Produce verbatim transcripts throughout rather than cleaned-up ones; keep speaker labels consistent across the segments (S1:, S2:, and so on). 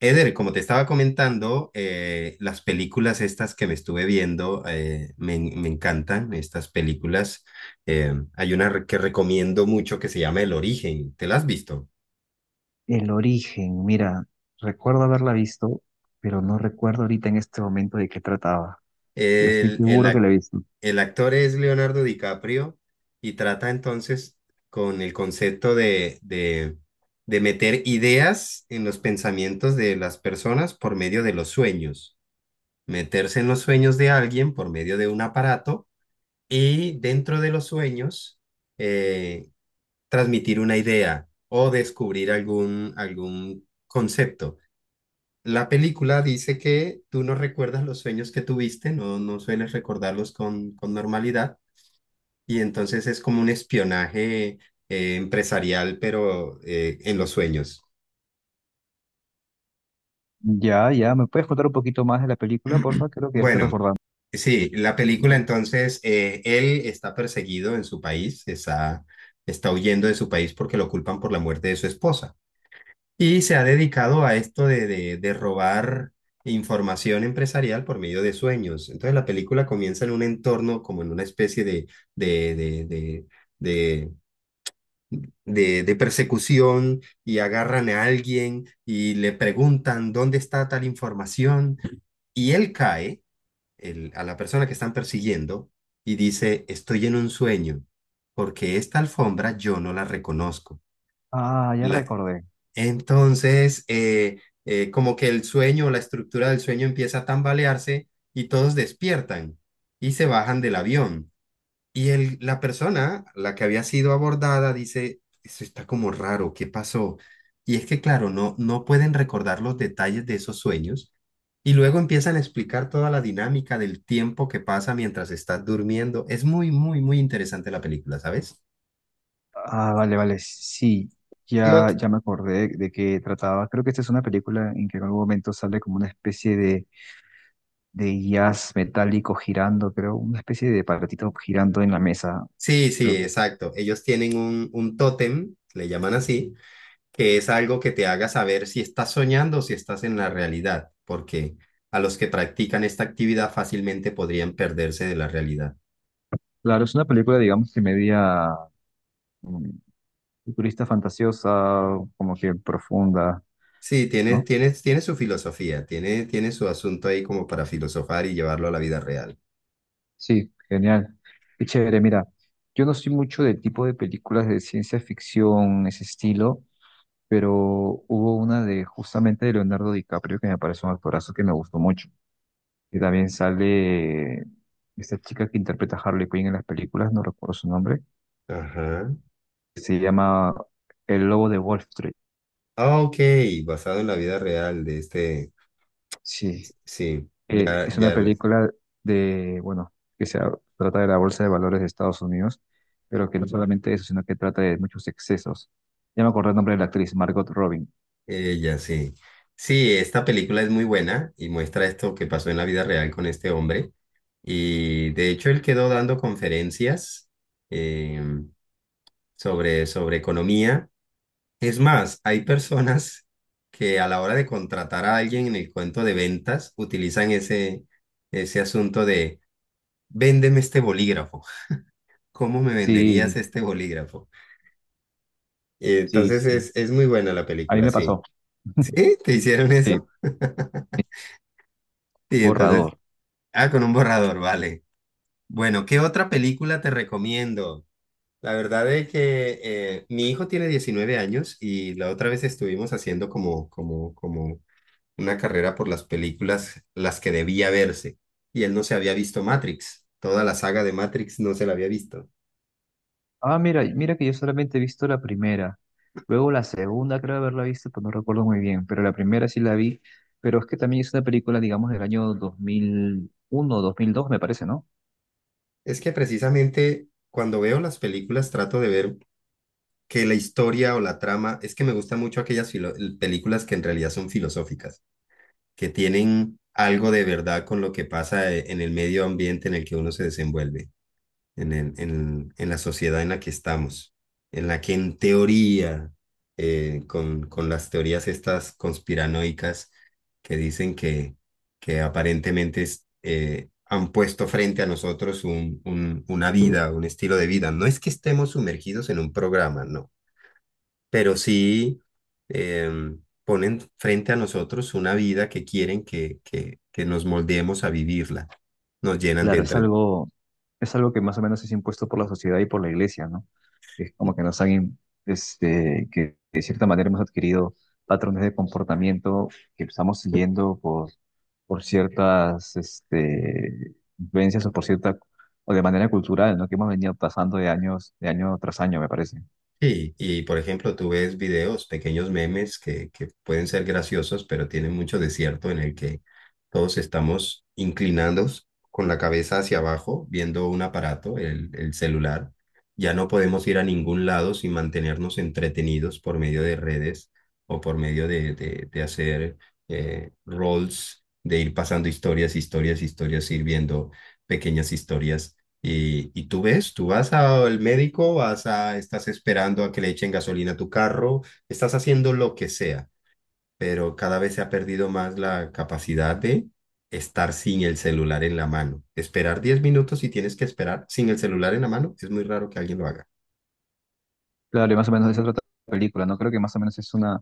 S1: Eder, como te estaba comentando, eh, las películas estas que me estuve viendo eh, me, en- Me encantan estas películas. Eh, hay una re- que recomiendo mucho que se llama El Origen, ¿te la has visto?
S2: El origen, mira, recuerdo haberla visto, pero no recuerdo ahorita en este momento de qué trataba, pero estoy
S1: El, el,
S2: seguro que
S1: ac-
S2: la he visto.
S1: el actor es Leonardo DiCaprio y trata entonces con el concepto de, de, de meter ideas en los pensamientos de las personas por medio de los sueños, meterse en los sueños de alguien por medio de un aparato y dentro de los sueños eh, transmitir una idea o descubrir algún, algún concepto. La película dice que tú no recuerdas los sueños que tuviste, no, no sueles recordarlos con, con normalidad, y entonces es como un espionaje eh, empresarial, pero eh, en los sueños.
S2: Ya, ya, ¿me puedes contar un poquito más de la película, porfa? Creo que ya estoy
S1: Bueno.
S2: recordando.
S1: Sí, la película entonces, eh, él está perseguido en su país, está, está huyendo de su país porque lo culpan por la muerte de su esposa. Y se ha dedicado a esto de, de, de robar información empresarial por medio de sueños. Entonces la película comienza en un entorno como en una especie de, de, de, de, de, de- de persecución, y agarran a alguien y le preguntan dónde está tal información, y él cae, el- a la persona que están persiguiendo, y dice, estoy en un sueño porque esta alfombra yo no la reconozco.
S2: Ah, ya
S1: La-
S2: recordé.
S1: entonces, eh, eh, como que el sueño, la estructura del sueño empieza a tambalearse y todos despiertan y se bajan del avión. Y el, la persona, la que había sido abordada, dice, eso está como raro, ¿qué pasó? Y es que, claro, no, no pueden recordar los detalles de esos sueños. Y luego empiezan a explicar toda la dinámica del tiempo que pasa mientras estás durmiendo. Es muy, muy, muy interesante la película, ¿sabes?
S2: Ah, vale, vale, sí,
S1: ¿Qué
S2: ya,
S1: ot-
S2: ya me acordé de qué trataba. Creo que esta es una película en que en algún momento sale como una especie de, de jazz metálico girando, creo, una especie de aparatito girando en la mesa.
S1: Sí, sí,
S2: Creo que-
S1: exacto. Ellos tienen un, un tótem, le llaman así, que es algo que te haga saber si estás soñando o si estás en la realidad, porque a los que practican esta actividad fácilmente podrían perderse de la realidad.
S2: Claro, es una película, digamos, que media mm, futurista fantasiosa, como que profunda,
S1: Sí, tiene,
S2: ¿no?
S1: tiene, tiene su filosofía, tiene, tiene su asunto ahí como para filosofar y llevarlo a la vida real.
S2: Sí, genial. Qué chévere, mira, yo no soy mucho del tipo de películas de ciencia ficción, ese estilo, pero hubo una de justamente de Leonardo DiCaprio que me pareció un actorazo que me gustó mucho. Y también sale esta chica que interpreta a Harley Quinn en las películas, no recuerdo su nombre,
S1: Ajá.
S2: se llama El Lobo de Wall Street.
S1: Ah, ok, basado en la vida real de este.
S2: Sí,
S1: Sí,
S2: Eh,
S1: ya,
S2: es una
S1: ya.
S2: película de, bueno, que se trata de la Bolsa de Valores de Estados Unidos, pero que no solamente eso, sino que trata de muchos excesos. Ya me acordé el nombre de la actriz, Margot Robin.
S1: Ella, sí. Sí, esta película es muy buena y muestra esto que pasó en la vida real con este hombre. Y de hecho, él quedó dando conferencias eh, sobre, sobre economía. Es más, hay personas que a la hora de contratar a alguien en el cuento de ventas utilizan ese, ese asunto de véndeme este bolígrafo. ¿Cómo me venderías
S2: Sí,
S1: este bolígrafo?
S2: sí,
S1: Entonces
S2: sí.
S1: es, es muy buena la
S2: A mí
S1: película,
S2: me
S1: sí.
S2: pasó.
S1: ¿Sí? ¿Te hicieron
S2: Sí,
S1: eso? Y entonces
S2: borrador.
S1: ah, con un borrador, vale. Bueno, ¿qué otra película te recomiendo? La verdad es que eh, mi hijo tiene diecinueve años, y la otra vez estuvimos haciendo como, como, como una carrera por las películas, las que debía verse. Y él no se había visto Matrix. Toda la saga de Matrix no se la había visto.
S2: Ah, mira, mira que yo solamente he visto la primera. Luego la segunda creo haberla visto, pues no recuerdo muy bien, pero la primera sí la vi. Pero es que también es una película, digamos, del año dos dos mil uno dos mil dos, me parece, ¿no?
S1: Es que precisamente cuando veo las películas trato de ver que la historia o la trama, es que me gustan mucho aquellas filo- películas que en realidad son filosóficas, que tienen algo de verdad con lo que pasa eh, en el medio ambiente en el que uno se desenvuelve, en el- en, en la sociedad en la que estamos, en la que en teoría, eh, con, con las teorías estas conspiranoicas que dicen que, que aparentemente es, eh, han puesto frente a nosotros un, un- una vida, un estilo de vida. No es que estemos sumergidos en un programa, no, pero sí em, ponen frente a nosotros una vida que quieren que, que, que nos moldeemos a vivirla. Nos llenan de,
S2: Claro, es
S1: entre-
S2: algo, es algo que más o menos es impuesto por la sociedad y por la iglesia, ¿no? Es como que nos han, im- este, que de cierta manera hemos adquirido patrones de comportamiento que estamos siguiendo por, por ciertas, este, influencias o por cierta, o de manera cultural, ¿no? Que hemos venido pasando de años, de año tras año, me parece.
S1: Sí, y por ejemplo, tú ves videos, pequeños memes que, que pueden ser graciosos, pero tienen mucho desierto en el que todos estamos inclinados con la cabeza hacia abajo, viendo un aparato, el, el celular. Ya no podemos ir a ningún lado sin mantenernos entretenidos por medio de redes o por medio de, de, de hacer eh, rolls, de ir pasando historias, historias, historias, ir viendo pequeñas historias. Y, y tú ves, tú vas al médico, vas a, estás esperando a que le echen gasolina a tu carro, estás haciendo lo que sea, pero cada vez se ha perdido más la capacidad de estar sin el celular en la mano. Esperar diez minutos y tienes que esperar sin el celular en la mano, es muy raro que alguien lo haga.
S2: Claro, y más o menos de eso trata la película, ¿no? Creo que más o menos es una,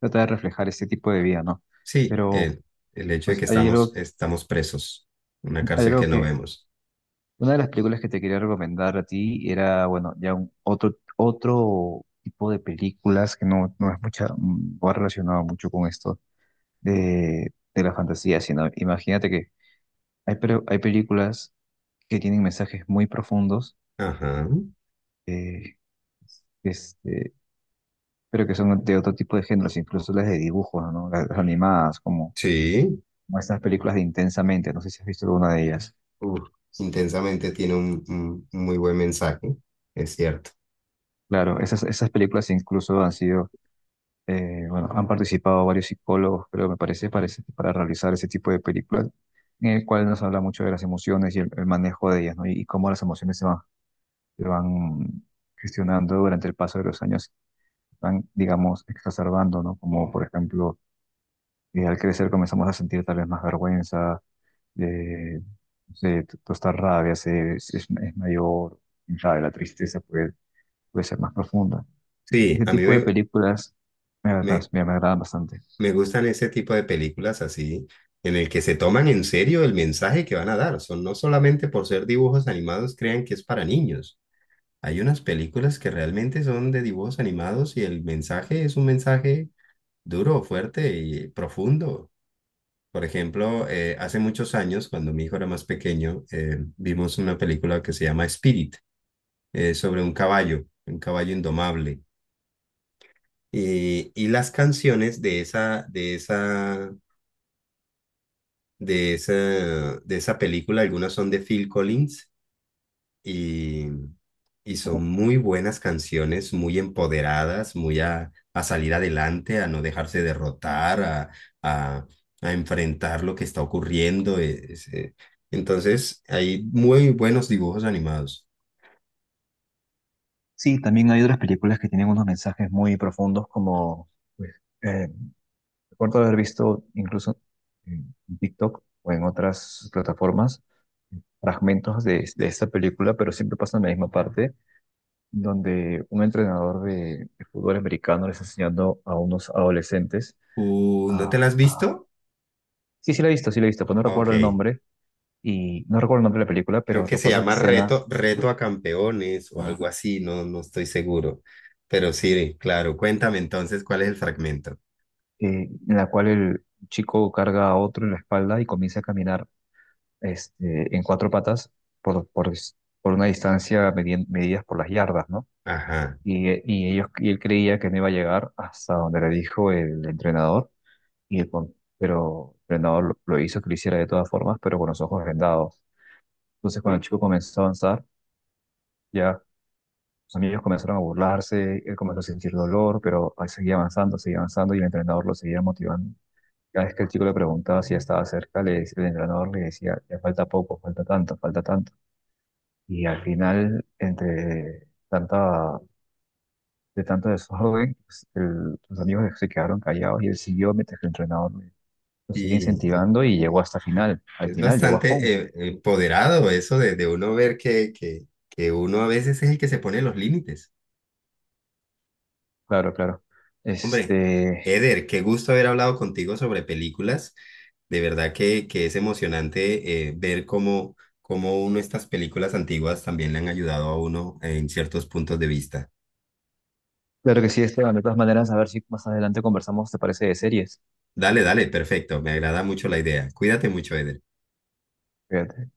S2: trata de reflejar este tipo de vida, ¿no?
S1: Sí,
S2: Pero,
S1: el, el hecho de
S2: pues,
S1: que
S2: hay
S1: estamos,
S2: algo,
S1: estamos presos, una
S2: hay
S1: cárcel que
S2: algo
S1: no
S2: que
S1: vemos.
S2: una de las películas que te quería recomendar a ti era, bueno, ya un otro, otro tipo de películas que no, no es mucha, no ha relacionado mucho con esto de, de la fantasía, sino imagínate que hay, pero hay películas que tienen mensajes muy profundos,
S1: Ajá,
S2: eh, este, pero que son de otro tipo de géneros, incluso las de dibujos, ¿no? Las, las animadas, como,
S1: sí,
S2: como estas películas de Intensamente, no sé si has visto alguna de ellas.
S1: uf, intensamente tiene un un- un muy buen mensaje, es cierto.
S2: Claro, esas, esas películas incluso han sido Eh, bueno, han participado varios psicólogos, creo, me parece, parece, para realizar ese tipo de películas, en el cual nos habla mucho de las emociones y el, el manejo de ellas, ¿no? Y, y cómo las emociones se van, se van gestionando durante el paso de los años, van, digamos, exacerbando, ¿no? Como, por ejemplo, eh, al crecer comenzamos a sentir tal vez más vergüenza, eh, no sé, t- toda esta rabia se, se- es, es mayor, quién sabe, la tristeza puede, puede ser más profunda.
S1: Sí,
S2: Ese
S1: a mí
S2: tipo de
S1: me,
S2: películas me, agradan-
S1: me,
S2: me me agradan bastante.
S1: me gustan ese tipo de películas así, en el que se toman en serio el mensaje que van a dar. Son no solamente por ser dibujos animados, crean que es para niños. Hay unas películas que realmente son de dibujos animados y el mensaje es un mensaje duro, fuerte y profundo. Por ejemplo, eh, hace muchos años, cuando mi hijo era más pequeño, eh, vimos una película que se llama Spirit, eh, sobre un caballo, un caballo indomable. Y, y las canciones de esa, de esa de esa, de esa película. Algunas son de Phil Collins y, y son muy buenas canciones, muy empoderadas, muy a, a salir adelante, a no dejarse derrotar, a, a, a enfrentar lo que está ocurriendo. es- eh, Entonces, hay muy buenos dibujos animados.
S2: Sí, también hay otras películas que tienen unos mensajes muy profundos, como pues, eh, recuerdo haber visto incluso en TikTok o en otras plataformas fragmentos de, de esta película, pero siempre pasa en la misma parte, donde un entrenador de, de fútbol americano les está enseñando a unos adolescentes
S1: Uh, ¿no te
S2: a,
S1: la has visto?
S2: sí, sí la he visto, sí la he visto, pues no
S1: Ah,
S2: recuerdo el
S1: ok.
S2: nombre, y no recuerdo el nombre de la película,
S1: Creo
S2: pero
S1: que se
S2: recuerdo la
S1: llama
S2: escena
S1: Reto, Reto a Campeones o algo así, no, no estoy seguro. Pero sí, claro, cuéntame entonces cuál es el fragmento.
S2: eh, en la cual el chico carga a otro en la espalda y comienza a caminar este, en cuatro patas por, por, por una distancia medi- medidas por las yardas, ¿no?
S1: Ajá.
S2: Y, eh, y, ellos, y él creía que no iba a llegar hasta donde le dijo el entrenador, y el, con- pero el entrenador lo, lo hizo que lo hiciera de todas formas, pero con los ojos vendados. Entonces, cuando el chico comenzó a avanzar, ya sus amigos comenzaron a burlarse, él comenzó a sentir dolor, pero ahí seguía avanzando, seguía avanzando, y el entrenador lo seguía motivando. Cada vez que el chico le preguntaba si ya estaba cerca, le, decía- el entrenador le decía, ya falta poco, falta tanto, falta tanto. Y al final, entre tanta, de tanto desorden, pues, el- los amigos se quedaron callados y él siguió mientras que el entrenador le- lo seguía
S1: Y,
S2: incentivando y llegó
S1: y
S2: hasta final. Al
S1: es
S2: final llegó a home.
S1: bastante eh, empoderado eso de, de uno ver que, que, que uno a veces es el que se pone los límites.
S2: Claro, claro.
S1: Hombre,
S2: Este,
S1: Eder, qué gusto haber hablado contigo sobre películas. De verdad que, que es emocionante eh, ver cómo, cómo uno estas películas antiguas también le han ayudado a uno en ciertos puntos de vista.
S2: claro que sí, Esteban. De todas maneras, a ver si más adelante conversamos, ¿te parece de series?
S1: Dale, dale, perfecto. Me agrada mucho la idea. Cuídate mucho, Eder.
S2: Fíjate.